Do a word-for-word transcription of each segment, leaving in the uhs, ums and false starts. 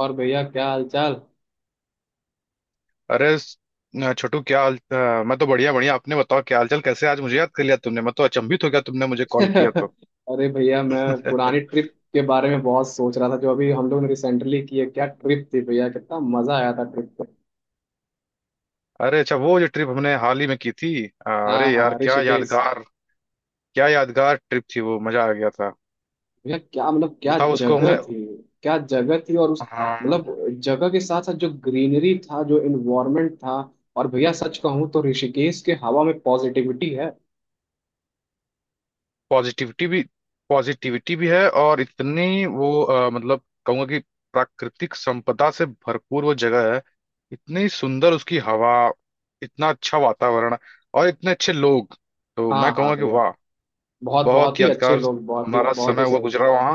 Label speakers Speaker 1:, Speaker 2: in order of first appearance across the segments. Speaker 1: और भैया क्या हाल चाल?
Speaker 2: अरे स- न, छोटू क्या हाल। अ, मैं तो बढ़िया बढ़िया। आपने बताओ क्या हालचाल? कैसे आज मुझे याद कर लिया तुमने? मैं तो अचंभित हो गया तुमने मुझे कॉल किया तो।
Speaker 1: अरे भैया मैं पुरानी ट्रिप के बारे में बहुत सोच रहा था जो अभी हम लोग ने रिसेंटली की है। क्या ट्रिप थी भैया, कितना मजा आया था ट्रिप पे।
Speaker 2: अरे अच्छा, वो जो ट्रिप हमने हाल ही में की थी अ, अरे
Speaker 1: हाँ
Speaker 2: यार
Speaker 1: हाँ,
Speaker 2: क्या
Speaker 1: ऋषिकेश।
Speaker 2: यादगार क्या यादगार ट्रिप थी वो, मजा आ गया था।
Speaker 1: भैया क्या मतलब क्या
Speaker 2: बताओ उसको
Speaker 1: जगह
Speaker 2: हमें।
Speaker 1: थी। क्या जगह थी, और उस
Speaker 2: हाँ।
Speaker 1: मतलब जगह के साथ साथ जो ग्रीनरी था, जो इन्वायरमेंट था। और भैया सच कहूँ तो ऋषिकेश के हवा में पॉजिटिविटी है।
Speaker 2: पॉजिटिविटी भी पॉजिटिविटी भी है, और इतनी वो अ, मतलब कहूंगा कि प्राकृतिक संपदा से भरपूर वो जगह है। इतनी सुंदर उसकी हवा, इतना अच्छा वातावरण, और इतने अच्छे लोग। तो मैं
Speaker 1: हाँ हाँ
Speaker 2: कहूंगा कि
Speaker 1: भैया,
Speaker 2: वाह,
Speaker 1: बहुत बहुत
Speaker 2: बहुत
Speaker 1: ही अच्छे
Speaker 2: यादगार
Speaker 1: लोग, बहुत ही
Speaker 2: हमारा
Speaker 1: बहुत
Speaker 2: समय
Speaker 1: ही
Speaker 2: हुआ
Speaker 1: सही।
Speaker 2: गुजरा वहाँ।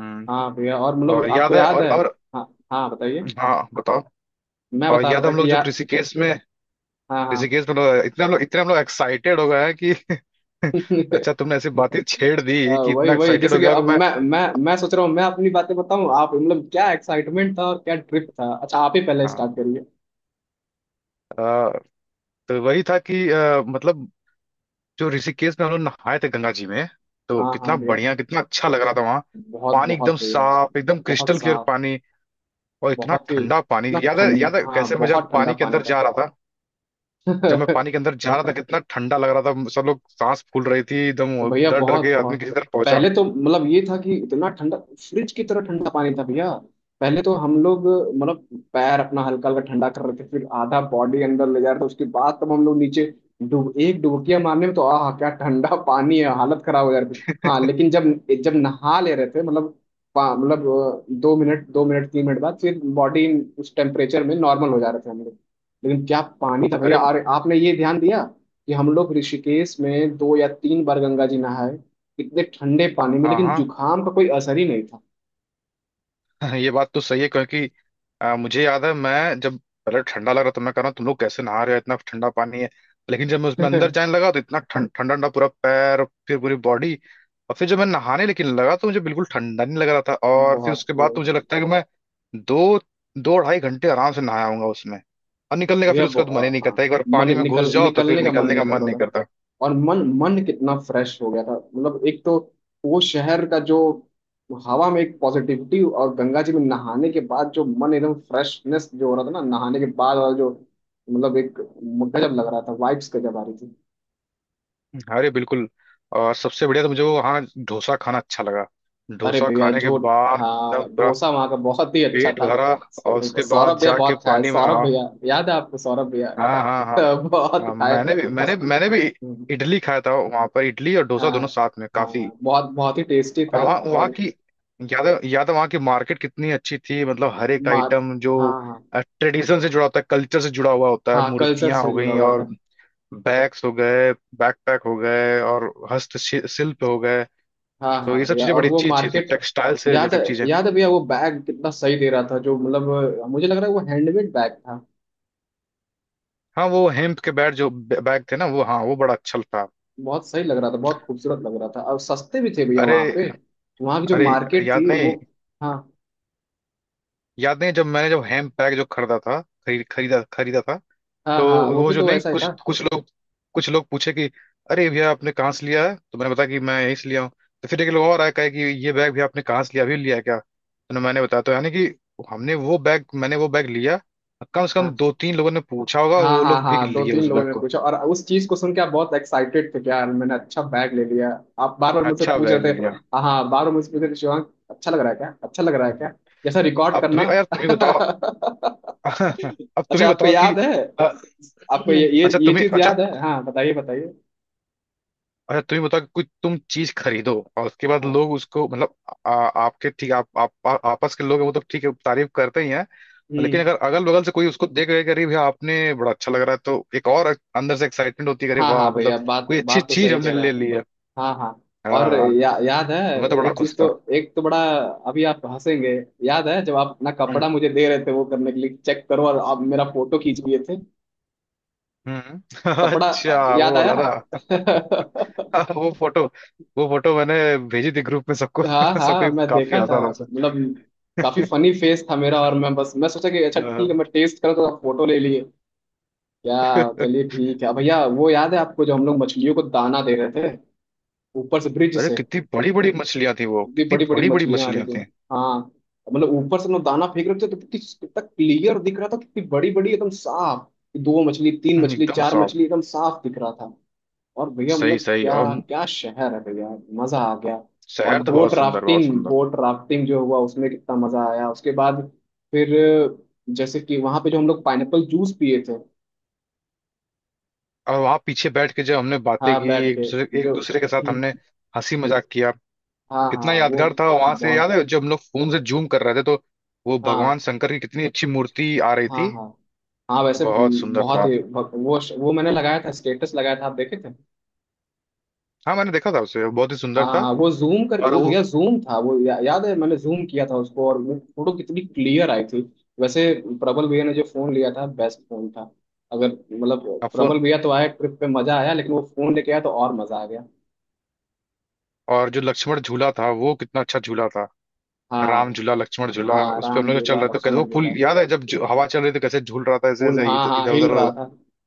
Speaker 2: हम्म,
Speaker 1: हाँ भैया, और मतलब
Speaker 2: और
Speaker 1: आपको
Speaker 2: याद है,
Speaker 1: याद
Speaker 2: और
Speaker 1: है।
Speaker 2: और
Speaker 1: हाँ हाँ, बताइए।
Speaker 2: हाँ बताओ।
Speaker 1: मैं
Speaker 2: और
Speaker 1: बता रहा
Speaker 2: याद है,
Speaker 1: था
Speaker 2: हम लोग
Speaker 1: कि
Speaker 2: जो
Speaker 1: यार,
Speaker 2: ऋषिकेश में
Speaker 1: हाँ हाँ।
Speaker 2: ऋषिकेश में हम लोग- इतना हम लोग इतने हम लोग एक्साइटेड हो गए हैं कि अच्छा, तुमने ऐसी बातें छेड़
Speaker 1: अ,
Speaker 2: दी कि
Speaker 1: वही
Speaker 2: इतना
Speaker 1: वही
Speaker 2: एक्साइटेड
Speaker 1: जैसे
Speaker 2: हो
Speaker 1: कि
Speaker 2: गया कि
Speaker 1: अब
Speaker 2: मैं।
Speaker 1: मैं मैं मैं सोच रहा हूँ, मैं अपनी बातें बताऊँ, आप मतलब क्या एक्साइटमेंट था और क्या ट्रिप था। अच्छा आप ही पहले
Speaker 2: हाँ।
Speaker 1: स्टार्ट करिए।
Speaker 2: अ, तो वही था कि अ, मतलब जो ऋषिकेश में हम लोग नहाए थे गंगा जी में, तो
Speaker 1: हाँ हाँ
Speaker 2: कितना
Speaker 1: भैया,
Speaker 2: बढ़िया, कितना अच्छा लग रहा था वहाँ।
Speaker 1: बहुत
Speaker 2: पानी एकदम
Speaker 1: बहुत भैया।
Speaker 2: साफ, एकदम
Speaker 1: बहुत
Speaker 2: क्रिस्टल क्लियर
Speaker 1: साफ।
Speaker 2: पानी। और इतना
Speaker 1: बहुत ही
Speaker 2: ठंडा पानी।
Speaker 1: ना
Speaker 2: याद है
Speaker 1: ठंडा,
Speaker 2: याद है
Speaker 1: हाँ
Speaker 2: कैसे मैं जब
Speaker 1: बहुत ठंडा
Speaker 2: पानी के
Speaker 1: पानी
Speaker 2: अंदर जा रहा था। जब मैं
Speaker 1: था।
Speaker 2: पानी के अंदर जा रहा था कितना ठंडा लग रहा था, सब लोग सांस फूल रही थी एकदम।
Speaker 1: तो भैया
Speaker 2: डर डर
Speaker 1: बहुत
Speaker 2: के
Speaker 1: बहुत,
Speaker 2: आदमी किसी तरह पहुंचा।
Speaker 1: पहले तो मतलब ये था कि इतना ठंडा, फ्रिज की तरह ठंडा पानी था भैया। पहले तो हम लोग मतलब पैर अपना हल्का हल्का ठंडा कर रहे थे, फिर आधा बॉडी अंदर ले जा रहे थे, उसके बाद तब हम लोग नीचे डूब, एक डुबकिया मारने में तो आह क्या ठंडा पानी है, हालत खराब हो जा रही थी। हाँ लेकिन जब जब नहा ले रहे थे मतलब पा- मतलब अ, दो मिनट दो मिनट तीन मिनट बाद फिर बॉडी उस टेम्परेचर में नॉर्मल हो जा रहे थे हम लोग। लेकिन क्या पानी था भैया,
Speaker 2: अरे
Speaker 1: और आपने ये ध्यान दिया कि हम लोग ऋषिकेश में दो या तीन बार गंगा जी नहाए इतने ठंडे पानी में,
Speaker 2: हाँ
Speaker 1: लेकिन
Speaker 2: हाँ।
Speaker 1: जुकाम का कोई असर ही नहीं था।
Speaker 2: ये बात तो सही है, क्योंकि आ, मुझे याद है मैं जब पहले ठंडा लग रहा था तो मैं कह रहा हूँ तुम लोग कैसे नहा रहे हो, इतना ठंडा पानी है। लेकिन जब मैं उसमें अंदर जाने लगा तो इतना ठंड- ठंडा ठंडा, पूरा पैर फिर पूरी बॉडी। और फिर जब मैं नहाने लेकिन लगा तो मुझे बिल्कुल ठंडा नहीं लग रहा था। और फिर
Speaker 1: बहुत
Speaker 2: उसके बाद
Speaker 1: वो-
Speaker 2: तो मुझे लगता है कि मैं दो दो ढाई घंटे आराम से नहाया होऊंगा उसमें। और निकलने का
Speaker 1: भैया
Speaker 2: फिर उसका तो
Speaker 1: बहु-
Speaker 2: मन ही नहीं
Speaker 1: आ, हाँ
Speaker 2: करता, एक बार
Speaker 1: मन
Speaker 2: पानी में घुस
Speaker 1: निकल
Speaker 2: जाओ तो फिर
Speaker 1: निकलने का मन
Speaker 2: निकलने
Speaker 1: नहीं
Speaker 2: का
Speaker 1: कर
Speaker 2: मन
Speaker 1: रहा
Speaker 2: नहीं
Speaker 1: था।
Speaker 2: करता।
Speaker 1: और मन मन कितना फ्रेश हो गया था, मतलब एक तो वो शहर का जो हवा में एक पॉजिटिविटी, और गंगा जी में नहाने के बाद जो मन एकदम फ्रेशनेस जो हो रहा था ना नहाने के बाद वाला जो, मतलब एक गजब लग रहा था, वाइब्स गजब आ रही।
Speaker 2: अरे बिल्कुल। और सबसे बढ़िया तो मुझे वो, हाँ, डोसा खाना अच्छा लगा।
Speaker 1: अरे
Speaker 2: डोसा
Speaker 1: भैया
Speaker 2: खाने के
Speaker 1: जो,
Speaker 2: बाद एकदम
Speaker 1: हाँ
Speaker 2: पूरा
Speaker 1: डोसा वहाँ का बहुत ही अच्छा
Speaker 2: पेट
Speaker 1: था।
Speaker 2: भरा और उसके बाद
Speaker 1: सौरभ भैया
Speaker 2: जाके
Speaker 1: बहुत खाए
Speaker 2: पानी में,
Speaker 1: सौरभ
Speaker 2: हाँ।
Speaker 1: भैया, याद है आपको सौरभ भैया।
Speaker 2: हाँ हाँ हाँ
Speaker 1: बहुत
Speaker 2: हाँ,
Speaker 1: खाए।
Speaker 2: मैंने भी मैंने
Speaker 1: अस-
Speaker 2: मैंने भी इडली खाया था वहां पर, इडली और डोसा
Speaker 1: हाँ
Speaker 2: दोनों साथ में काफी।
Speaker 1: हाँ, बहुत बहुत ही टेस्टी
Speaker 2: और
Speaker 1: था।
Speaker 2: वहाँ वहाँ
Speaker 1: और
Speaker 2: की, याद है- याद है वहाँ की मार्केट कितनी अच्छी थी। मतलब हर एक
Speaker 1: मा
Speaker 2: आइटम जो
Speaker 1: हाँ हाँ,
Speaker 2: ट्रेडिशन से जुड़ा होता है, कल्चर से जुड़ा हुआ होता है।
Speaker 1: हाँ कल्चर
Speaker 2: मूर्तियां
Speaker 1: से
Speaker 2: हो
Speaker 1: जुड़ा
Speaker 2: गई,
Speaker 1: हुआ
Speaker 2: और
Speaker 1: था।
Speaker 2: बैग्स हो गए, बैकपैक हो गए और हस्तशिल्प हो गए।
Speaker 1: हाँ
Speaker 2: तो ये
Speaker 1: हाँ
Speaker 2: सब
Speaker 1: भैया,
Speaker 2: चीजें
Speaker 1: और
Speaker 2: बड़ी
Speaker 1: वो
Speaker 2: अच्छी अच्छी थी,
Speaker 1: मार्केट
Speaker 2: टेक्सटाइल से
Speaker 1: याद है।
Speaker 2: रिलेटेड चीजें।
Speaker 1: याद है भैया वो बैग कितना सही दे रहा था, जो मतलब मुझे लग रहा है वो हैंडमेड बैग था।
Speaker 2: हाँ वो हेम्प के बैग, जो बैग थे ना वो, हाँ वो बड़ा अच्छा था।
Speaker 1: बहुत सही लग रहा था, बहुत खूबसूरत लग रहा था और सस्ते भी थे भैया
Speaker 2: अरे
Speaker 1: वहाँ पे। वहाँ की जो
Speaker 2: अरे।
Speaker 1: मार्केट
Speaker 2: याद
Speaker 1: थी वो।
Speaker 2: नहीं,
Speaker 1: हाँ,
Speaker 2: याद नहीं जब मैंने जब हेम्प बैग जो खरीदा था, खरीद खरीदा खरीदा था।
Speaker 1: हाँ
Speaker 2: तो
Speaker 1: हाँ वो
Speaker 2: वो
Speaker 1: भी
Speaker 2: जो,
Speaker 1: तो
Speaker 2: नहीं,
Speaker 1: वैसा ही
Speaker 2: कुछ
Speaker 1: था।
Speaker 2: कुछ लोग कुछ लोग पूछे कि अरे भैया आपने कहाँ से लिया है, तो मैंने बताया कि मैं यहीं से लिया हूँ। तो फिर एक लोग और आया, कहे कि ये बैग भी आपने कहाँ से लिया, अभी लिया है क्या? तो मैंने बताया, तो यानी कि हमने वो बैग मैंने वो बैग लिया। कम से कम दो
Speaker 1: हाँ
Speaker 2: तीन लोगों ने पूछा होगा और
Speaker 1: हाँ
Speaker 2: वो
Speaker 1: हाँ
Speaker 2: लोग भी
Speaker 1: हाँ, दो
Speaker 2: लिए उस
Speaker 1: तीन लोगों
Speaker 2: बैग
Speaker 1: ने
Speaker 2: को।
Speaker 1: पूछा और उस चीज को सुन के आप बहुत एक्साइटेड थे कि यार मैंने अच्छा बैग ले लिया। आप बार बार मुझसे
Speaker 2: अच्छा
Speaker 1: पूछ
Speaker 2: बैग
Speaker 1: रहे
Speaker 2: ले लिया।
Speaker 1: थे, हाँ हाँ, बार बार मुझसे पूछ रहे थे, शिवांग अच्छा लग रहा है क्या, अच्छा लग रहा है क्या, जैसा रिकॉर्ड
Speaker 2: अब
Speaker 1: करना।
Speaker 2: तुम्हें यार, तुम ही बताओ। अब तुम ही
Speaker 1: अच्छा आपको
Speaker 2: बताओ कि
Speaker 1: याद है,
Speaker 2: अ,
Speaker 1: आपको ये ये
Speaker 2: अच्छा
Speaker 1: ये
Speaker 2: तुम्हें
Speaker 1: चीज
Speaker 2: अच्छा
Speaker 1: याद है। हाँ बताइए बताइए।
Speaker 2: अच्छा तुम ही बताओ कि कोई तुम चीज खरीदो और उसके बाद
Speaker 1: हाँ
Speaker 2: लोग उसको, मतलब आ, आपके ठीक आप, आप, आ, आपस के लोग हैं वो तो ठीक है, तारीफ करते ही हैं। लेकिन
Speaker 1: हम्म।
Speaker 2: अगर अगल बगल से कोई उसको देख रहे कि अरे भैया आपने बड़ा अच्छा लग रहा है, तो एक और अंदर से एक्साइटमेंट होती है कि अरे
Speaker 1: हाँ
Speaker 2: वाह,
Speaker 1: हाँ
Speaker 2: मतलब
Speaker 1: भैया बात
Speaker 2: कोई अच्छी
Speaker 1: बात तो
Speaker 2: चीज
Speaker 1: सही
Speaker 2: हमने
Speaker 1: कह रहे
Speaker 2: ले
Speaker 1: हैं।
Speaker 2: ली है।
Speaker 1: हाँ हाँ। और
Speaker 2: हाँ।
Speaker 1: या, याद है।
Speaker 2: तो मैं तो बड़ा
Speaker 1: एक
Speaker 2: खुश
Speaker 1: चीज तो,
Speaker 2: था।
Speaker 1: एक तो बड़ा, अभी आप हंसेंगे। याद है जब आप अपना
Speaker 2: हम्म
Speaker 1: कपड़ा मुझे दे रहे थे, वो करने के लिए चेक करो, और आप मेरा फोटो खींच लिए थे।
Speaker 2: हम्म।
Speaker 1: कपड़ा,
Speaker 2: अच्छा,
Speaker 1: याद
Speaker 2: वो
Speaker 1: आया।
Speaker 2: वाला ना। हाँ, वो फोटो वो फोटो मैंने भेजी थी ग्रुप में सबको।
Speaker 1: हाँ
Speaker 2: सबको
Speaker 1: हाँ
Speaker 2: ही
Speaker 1: मैं
Speaker 2: काफी
Speaker 1: देखा था,
Speaker 2: हंसा हंसा।
Speaker 1: मतलब काफी फनी फेस था मेरा, और मैं बस मैं सोचा कि अच्छा ठीक है
Speaker 2: हाँ।
Speaker 1: मैं टेस्ट करूँ, तो आप फोटो ले लिए। क्या, चलिए ठीक है भैया। वो याद है आपको, जो हम लोग मछलियों को दाना दे रहे थे ऊपर से ब्रिज
Speaker 2: अरे
Speaker 1: से।
Speaker 2: कितनी बड़ी बड़ी मछलियां थी वो,
Speaker 1: इतनी
Speaker 2: कितनी
Speaker 1: बड़ी बड़ी
Speaker 2: बड़ी बड़ी
Speaker 1: मछलियां आ रही
Speaker 2: मछलियां
Speaker 1: थी।
Speaker 2: थी।
Speaker 1: हाँ, मतलब ऊपर से ना दाना फेंक रहे थे तो कितनी कितना क्लियर दिख रहा था, कितनी बड़ी बड़ी एकदम साफ। दो मछली तीन मछली
Speaker 2: एकदम
Speaker 1: चार
Speaker 2: सॉफ्ट।
Speaker 1: मछली एकदम साफ दिख रहा था। और भैया
Speaker 2: सही
Speaker 1: मतलब
Speaker 2: सही।
Speaker 1: क्या,
Speaker 2: और
Speaker 1: क्या शहर है भैया, मजा आ गया। और
Speaker 2: शहर तो
Speaker 1: बोट
Speaker 2: बहुत सुंदर, बहुत
Speaker 1: राफ्टिंग,
Speaker 2: सुंदर।
Speaker 1: बोट राफ्टिंग जो हुआ उसमें कितना मजा आया उसके बाद, फिर जैसे कि वहां पे जो हम लोग पाइनएप्पल जूस पिए थे।
Speaker 2: और वहां पीछे बैठ के जब हमने बातें
Speaker 1: हाँ
Speaker 2: की,
Speaker 1: बैठ
Speaker 2: एक
Speaker 1: के,
Speaker 2: दूसरे एक
Speaker 1: जो
Speaker 2: दूसरे के साथ
Speaker 1: हम्म,
Speaker 2: हमने हंसी मजाक किया।
Speaker 1: हाँ हाँ
Speaker 2: कितना
Speaker 1: वो
Speaker 2: यादगार था वहां से। याद
Speaker 1: बहुत,
Speaker 2: है जब हम लोग फोन से जूम कर रहे थे? तो वो भगवान
Speaker 1: हाँ
Speaker 2: शंकर की कितनी अच्छी मूर्ति आ रही
Speaker 1: हाँ
Speaker 2: थी,
Speaker 1: हाँ हाँ वैसे
Speaker 2: बहुत
Speaker 1: म,
Speaker 2: सुंदर
Speaker 1: बहुत
Speaker 2: था।
Speaker 1: ही ब- वो वो मैंने लगाया था, स्टेटस लगाया था, आप देखे थे।
Speaker 2: हाँ मैंने देखा था उसे, बहुत ही
Speaker 1: हाँ
Speaker 2: सुंदर था।
Speaker 1: हाँ वो जूम कर,
Speaker 2: और
Speaker 1: वो
Speaker 2: वो
Speaker 1: भैया जूम था वो, या, याद है मैंने जूम किया था उसको और वो फोटो कितनी क्लियर आई थी। वैसे प्रबल भैया ने जो फोन लिया था बेस्ट फोन था, अगर मतलब प्रबल
Speaker 2: फोन।
Speaker 1: भैया तो आया ट्रिप पे मजा आया, लेकिन वो फोन लेके आया तो और मजा आ गया।
Speaker 2: और जो लक्ष्मण झूला था, वो कितना अच्छा झूला था। राम
Speaker 1: हाँ
Speaker 2: झूला, लक्ष्मण झूला।
Speaker 1: हाँ,
Speaker 2: उस पे हम
Speaker 1: राम
Speaker 2: लोग चल
Speaker 1: झूला
Speaker 2: रहे थे, कैसे वो
Speaker 1: लक्ष्मण
Speaker 2: पुल
Speaker 1: झूला।
Speaker 2: याद है जब जो- हवा चल रही थी, कैसे झूल रहा था, ऐसे
Speaker 1: फूल
Speaker 2: ऐसे
Speaker 1: हाँ हाँ
Speaker 2: इधर
Speaker 1: हिल
Speaker 2: उधर हो
Speaker 1: रहा
Speaker 2: रहा था।
Speaker 1: था,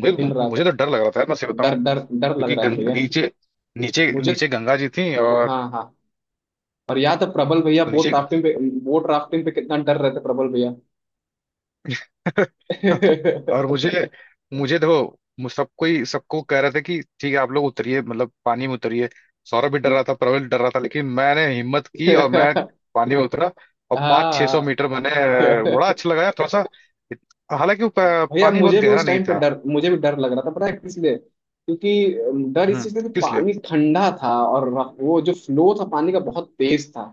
Speaker 2: मुझे
Speaker 1: हिल रहा
Speaker 2: मुझे
Speaker 1: था।
Speaker 2: तो डर लग रहा था यार, मैं सही बताऊं?
Speaker 1: डर डर डर लग
Speaker 2: क्योंकि
Speaker 1: रहा था
Speaker 2: गं,
Speaker 1: भैया
Speaker 2: नीचे, नीचे
Speaker 1: मुझे,
Speaker 2: नीचे गंगा जी थी और,
Speaker 1: हाँ हाँ। और याद है प्रबल भैया
Speaker 2: तो
Speaker 1: बोट
Speaker 2: नीचे।
Speaker 1: राफ्टिंग पे, बोट राफ्टिंग पे कितना डर रहे थे प्रबल भैया।
Speaker 2: और मुझे मुझे देखो, मु- सब कोई सबको कह रहा था कि ठीक है आप लोग उतरिए, मतलब पानी में उतरिए। सौरभ भी डर रहा था, प्रबल डर रहा था, लेकिन मैंने हिम्मत की और मैं पानी में उतरा। और पाँच छह सौ
Speaker 1: हाँ
Speaker 2: मीटर मैंने अ, बड़ा अच्छा लगाया थोड़ा सा। हालांकि वो प-
Speaker 1: भैया
Speaker 2: पानी बहुत
Speaker 1: मुझे भी
Speaker 2: गहरा
Speaker 1: उस
Speaker 2: नहीं
Speaker 1: टाइम पे
Speaker 2: था।
Speaker 1: डर, मुझे भी डर लग रहा था, पता है किस लिए, क्योंकि अम, डर इस
Speaker 2: हम्म,
Speaker 1: चीज का कि
Speaker 2: किस लिए?
Speaker 1: पानी ठंडा था और रफ- वो जो फ्लो था पानी का बहुत तेज था,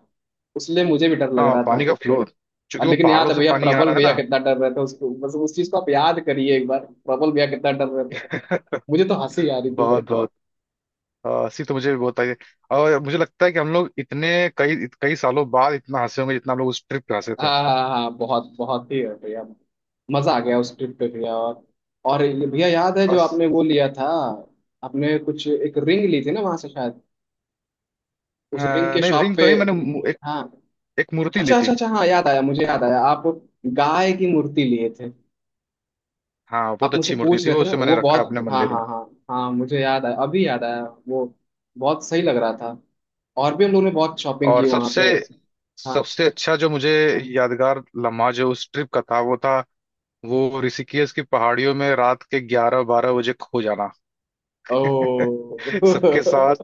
Speaker 1: उसलिए मुझे भी डर लग
Speaker 2: हाँ,
Speaker 1: रहा था।
Speaker 2: पानी का फ्लो,
Speaker 1: और
Speaker 2: क्योंकि वो
Speaker 1: लेकिन याद
Speaker 2: पहाड़ों
Speaker 1: है
Speaker 2: से
Speaker 1: भैया
Speaker 2: पानी आ
Speaker 1: प्रबल
Speaker 2: रहा है
Speaker 1: भैया
Speaker 2: ना।
Speaker 1: कितना डर रहे थे, उसको बस उस चीज को आप याद करिए एक बार। प्रबल भैया कितना डर रहे थे। मुझे तो हंसी आ रही।
Speaker 2: बहुत बहुत अ, हंसी तो मुझे भी बहुत आई है। और मुझे लगता है कि हम लोग इतने कई कई सालों बाद इतना हंसे होंगे, जितना हम लोग उस ट्रिप पे
Speaker 1: हाँ
Speaker 2: हंसे
Speaker 1: हाँ हाँ हाँ, बहुत बहुत ही है भैया, मजा आ गया उस ट्रिप पे भैया। और और ये भैया याद है जो आपने
Speaker 2: थे।
Speaker 1: वो लिया था, आपने कुछ एक रिंग ली थी ना वहां से शायद,
Speaker 2: अ,
Speaker 1: उस रिंग के
Speaker 2: नहीं,
Speaker 1: शॉप
Speaker 2: रिंग
Speaker 1: पे।
Speaker 2: तो नहीं, मैंने मु- एक
Speaker 1: हाँ,
Speaker 2: एक मूर्ति ली
Speaker 1: अच्छा अच्छा
Speaker 2: थी।
Speaker 1: अच्छा हाँ याद आया, मुझे याद आया आप गाय की मूर्ति लिए थे।
Speaker 2: हाँ, बहुत
Speaker 1: आप मुझसे
Speaker 2: अच्छी मूर्ति
Speaker 1: पूछ
Speaker 2: थी
Speaker 1: रहे
Speaker 2: वो,
Speaker 1: थे ना
Speaker 2: उसे मैंने
Speaker 1: वो
Speaker 2: रखा है
Speaker 1: बहुत,
Speaker 2: अपने
Speaker 1: हाँ
Speaker 2: मंदिर में।
Speaker 1: हाँ हाँ, हाँ मुझे याद आया अभी याद आया वो, बहुत सही लग रहा था। और भी हम लोगों ने बहुत शॉपिंग
Speaker 2: और
Speaker 1: की वहां
Speaker 2: सबसे
Speaker 1: पे। हाँ।
Speaker 2: सबसे अच्छा जो मुझे यादगार लम्हा जो उस ट्रिप का था वो था, वो ऋषिकेश की पहाड़ियों में रात के ग्यारह बारह बजे खो जाना।
Speaker 1: ओ।
Speaker 2: सबके साथ,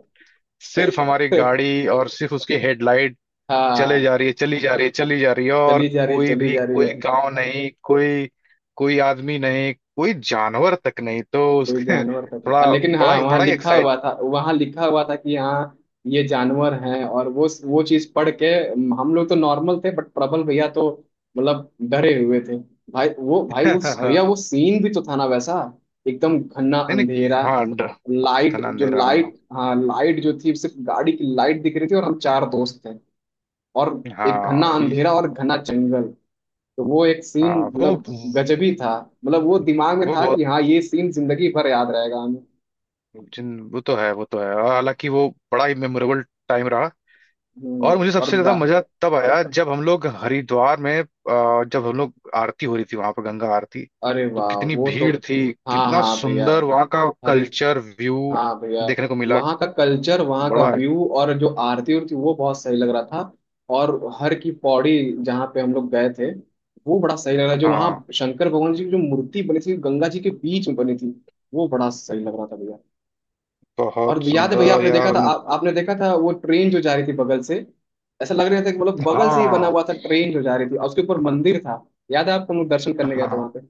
Speaker 2: सिर्फ हमारी गाड़ी और सिर्फ उसकी हेडलाइट चले
Speaker 1: हाँ,
Speaker 2: जा रही है, चली जा रही है, चली जा रही है, और
Speaker 1: चली जा रही है
Speaker 2: कोई
Speaker 1: चली
Speaker 2: भी,
Speaker 1: जा रही
Speaker 2: कोई
Speaker 1: है।
Speaker 2: गांव नहीं, कोई कोई आदमी नहीं, कोई जानवर तक नहीं। तो
Speaker 1: कोई
Speaker 2: उसके
Speaker 1: जानवर तक आ,
Speaker 2: थोड़ा
Speaker 1: लेकिन
Speaker 2: बड़ा
Speaker 1: हाँ वहाँ
Speaker 2: बड़ा।
Speaker 1: लिखा हुआ था, वहाँ लिखा हुआ था कि हाँ ये जानवर हैं, और वो वो चीज पढ़ के हम लोग तो नॉर्मल थे, बट प्रबल भैया तो मतलब डरे हुए थे। भाई वो भाई
Speaker 2: हाँ, हाँ
Speaker 1: उस भैया
Speaker 2: हाँ।
Speaker 1: वो सीन भी तो था ना वैसा, एकदम घना
Speaker 2: नहीं नहीं,
Speaker 1: अंधेरा।
Speaker 2: हाँ, ड-
Speaker 1: लाइट
Speaker 2: घना
Speaker 1: जो,
Speaker 2: अंधेरा, हाँ
Speaker 1: लाइट हाँ लाइट जो थी सिर्फ गाड़ी की लाइट दिख रही थी, और हम चार दोस्त थे, और एक घना
Speaker 2: हाँ, ये-
Speaker 1: अंधेरा और घना जंगल। तो वो एक सीन
Speaker 2: हाँ, वो
Speaker 1: मतलब गजबी था। मतलब वो दिमाग में
Speaker 2: वो
Speaker 1: था कि
Speaker 2: बहुत
Speaker 1: हाँ ये सीन जिंदगी भर याद रहेगा हमें।
Speaker 2: जिन, वो तो है, वो तो है। और हालांकि वो बड़ा ही मेमोरेबल टाइम रहा।
Speaker 1: हम्म,
Speaker 2: और मुझे
Speaker 1: और
Speaker 2: सबसे ज्यादा
Speaker 1: गा
Speaker 2: मजा तब आया जब हम लोग हरिद्वार में अ, जब हम लोग आरती हो रही थी वहां पर, गंगा आरती।
Speaker 1: अरे
Speaker 2: तो
Speaker 1: वाह
Speaker 2: कितनी
Speaker 1: वो तो,
Speaker 2: भीड़ थी,
Speaker 1: हाँ
Speaker 2: कितना
Speaker 1: हाँ भैया।
Speaker 2: सुंदर वहां का
Speaker 1: अरे
Speaker 2: कल्चर व्यू
Speaker 1: हाँ भैया,
Speaker 2: देखने को मिला।
Speaker 1: वहाँ का कल्चर वहाँ का
Speaker 2: बड़ा है।
Speaker 1: व्यू और जो आरती उरती वो बहुत सही लग रहा था। और हर की पौड़ी, जहाँ पे हम लोग गए थे, वो बड़ा सही लग रहा जो वहाँ
Speaker 2: हाँ,
Speaker 1: शंकर भगवान जी की जो मूर्ति बनी थी गंगा जी के बीच में बनी थी, वो बड़ा सही लग रहा था भैया। और
Speaker 2: बहुत
Speaker 1: याद है भैया
Speaker 2: सुंदर
Speaker 1: आपने देखा
Speaker 2: यार।
Speaker 1: था, आप, आपने देखा था वो ट्रेन जो जा रही थी बगल से, ऐसा लग रहा था कि मतलब बगल से ही बना
Speaker 2: हाँ
Speaker 1: हुआ था, ट्रेन जो जा रही थी और उसके ऊपर मंदिर था। याद है आपको, हम लोग दर्शन करने गए थे वहां
Speaker 2: हाँ।
Speaker 1: पे।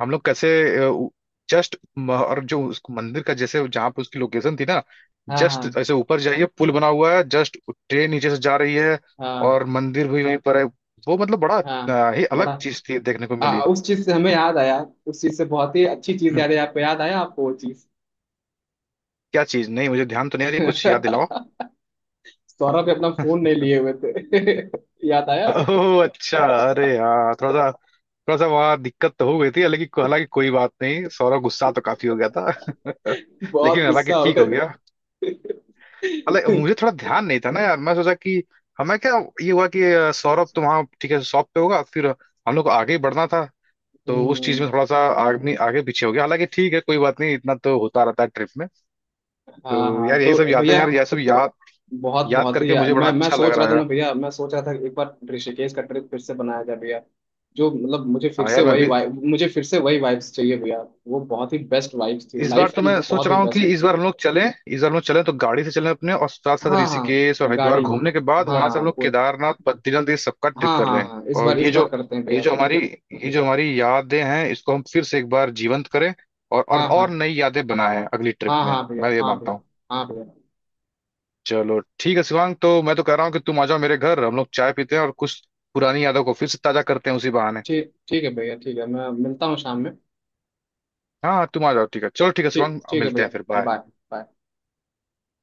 Speaker 2: हम लोग कैसे जस्ट और जो उस मंदिर का, जैसे जहाँ पे उसकी लोकेशन थी ना,
Speaker 1: हाँ
Speaker 2: जस्ट
Speaker 1: हाँ
Speaker 2: ऐसे ऊपर जाइए, पुल बना हुआ है, जस्ट ट्रेन नीचे से जा रही है
Speaker 1: हाँ
Speaker 2: और मंदिर भी वहीं पर है। वो मतलब बड़ा
Speaker 1: हाँ,
Speaker 2: अ, ही अलग
Speaker 1: बड़ा
Speaker 2: चीज थी देखने को मिली।
Speaker 1: आ, उस चीज से हमें याद आया, उस चीज से बहुत ही अच्छी चीज
Speaker 2: हम्म,
Speaker 1: याद है, आपको याद आया आपको वो चीज।
Speaker 2: क्या चीज? नहीं, मुझे ध्यान तो नहीं आ रही, कुछ याद दिलाओ।
Speaker 1: सौरभ भी अपना फोन नहीं लिए हुए थे। याद आया।
Speaker 2: ओह अच्छा। अरे यार, थोड़ा सा थोड़ा सा वहाँ दिक्कत तो हो गई थी, हालांकि हालांकि कोई बात नहीं, सौरव गुस्सा तो काफी हो गया था।
Speaker 1: बहुत
Speaker 2: लेकिन हालांकि
Speaker 1: गुस्सा हो
Speaker 2: ठीक
Speaker 1: गया
Speaker 2: हो गया।
Speaker 1: था।
Speaker 2: अरे मुझे थोड़ा ध्यान नहीं था ना यार, मैं सोचा कि हमें क्या ये हुआ कि अ, सौरभ तो वहाँ ठीक है, शॉप पे होगा फिर, हम लोग को आगे ही बढ़ना था। तो उस चीज
Speaker 1: हम्म,
Speaker 2: में थोड़ा सा आगे आगे पीछे हो गया। हालांकि ठीक है, कोई बात नहीं, इतना तो होता रहता है ट्रिप में। तो
Speaker 1: हाँ हाँ
Speaker 2: यार यही
Speaker 1: तो
Speaker 2: सब यादें,
Speaker 1: भैया
Speaker 2: यार यह सब याद
Speaker 1: बहुत
Speaker 2: याद
Speaker 1: बहुत ही,
Speaker 2: करके
Speaker 1: यार
Speaker 2: मुझे बड़ा
Speaker 1: मैं मैं
Speaker 2: अच्छा लग
Speaker 1: सोच रहा
Speaker 2: रहा है
Speaker 1: था ना
Speaker 2: यार।
Speaker 1: भैया, मैं सोच रहा था एक बार ऋषिकेश का ट्रिप फिर से बनाया जाए भैया। जो मतलब मुझे फिर
Speaker 2: हाँ
Speaker 1: से
Speaker 2: यार, मैं
Speaker 1: वही
Speaker 2: भी।
Speaker 1: वाइब, मुझे फिर से वही वाइब्स चाहिए भैया। वो बहुत ही बेस्ट वाइब्स थी
Speaker 2: इस बार
Speaker 1: लाइफ
Speaker 2: तो
Speaker 1: की,
Speaker 2: मैं सोच
Speaker 1: बहुत ही
Speaker 2: रहा हूँ कि
Speaker 1: बेस्ट।
Speaker 2: इस बार हम लोग चलें इस बार हम लोग चलें तो गाड़ी से चलें अपने, और साथ साथ
Speaker 1: हाँ हाँ,
Speaker 2: ऋषिकेश और हरिद्वार
Speaker 1: गाड़ी,
Speaker 2: घूमने के बाद
Speaker 1: हाँ
Speaker 2: वहां से
Speaker 1: हाँ
Speaker 2: हम लोग
Speaker 1: पूरे,
Speaker 2: केदारनाथ, बद्रीनाथ, ये सबका ट्रिप
Speaker 1: हाँ
Speaker 2: कर
Speaker 1: हाँ
Speaker 2: रहे हैं।
Speaker 1: हाँ इस
Speaker 2: और
Speaker 1: बार इस
Speaker 2: ये
Speaker 1: बार
Speaker 2: जो
Speaker 1: करते हैं
Speaker 2: ये
Speaker 1: भैया।
Speaker 2: जो हमारी ये जो हमारी यादें हैं, इसको हम फिर से एक बार जीवंत करें, और और,
Speaker 1: हाँ
Speaker 2: और
Speaker 1: हाँ
Speaker 2: नई यादें बनाएं अगली ट्रिप
Speaker 1: हाँ
Speaker 2: में,
Speaker 1: हाँ भैया,
Speaker 2: मैं ये
Speaker 1: हाँ
Speaker 2: मानता
Speaker 1: भैया,
Speaker 2: हूँ।
Speaker 1: हाँ भैया।
Speaker 2: चलो ठीक है शिवांग, तो मैं तो कह रहा हूँ कि तुम आ जाओ मेरे घर, हम लोग चाय पीते हैं और कुछ पुरानी यादों को फिर से ताजा करते हैं उसी बहाने।
Speaker 1: ठीक ठीक है भैया, ठीक है, मैं मिलता हूँ शाम में।
Speaker 2: हाँ हाँ, तुम आ जाओ, ठीक है। चलो ठीक है
Speaker 1: ठीक
Speaker 2: शिवांग,
Speaker 1: ठीक है
Speaker 2: मिलते हैं
Speaker 1: भैया,
Speaker 2: फिर। बाय।
Speaker 1: Bye bye.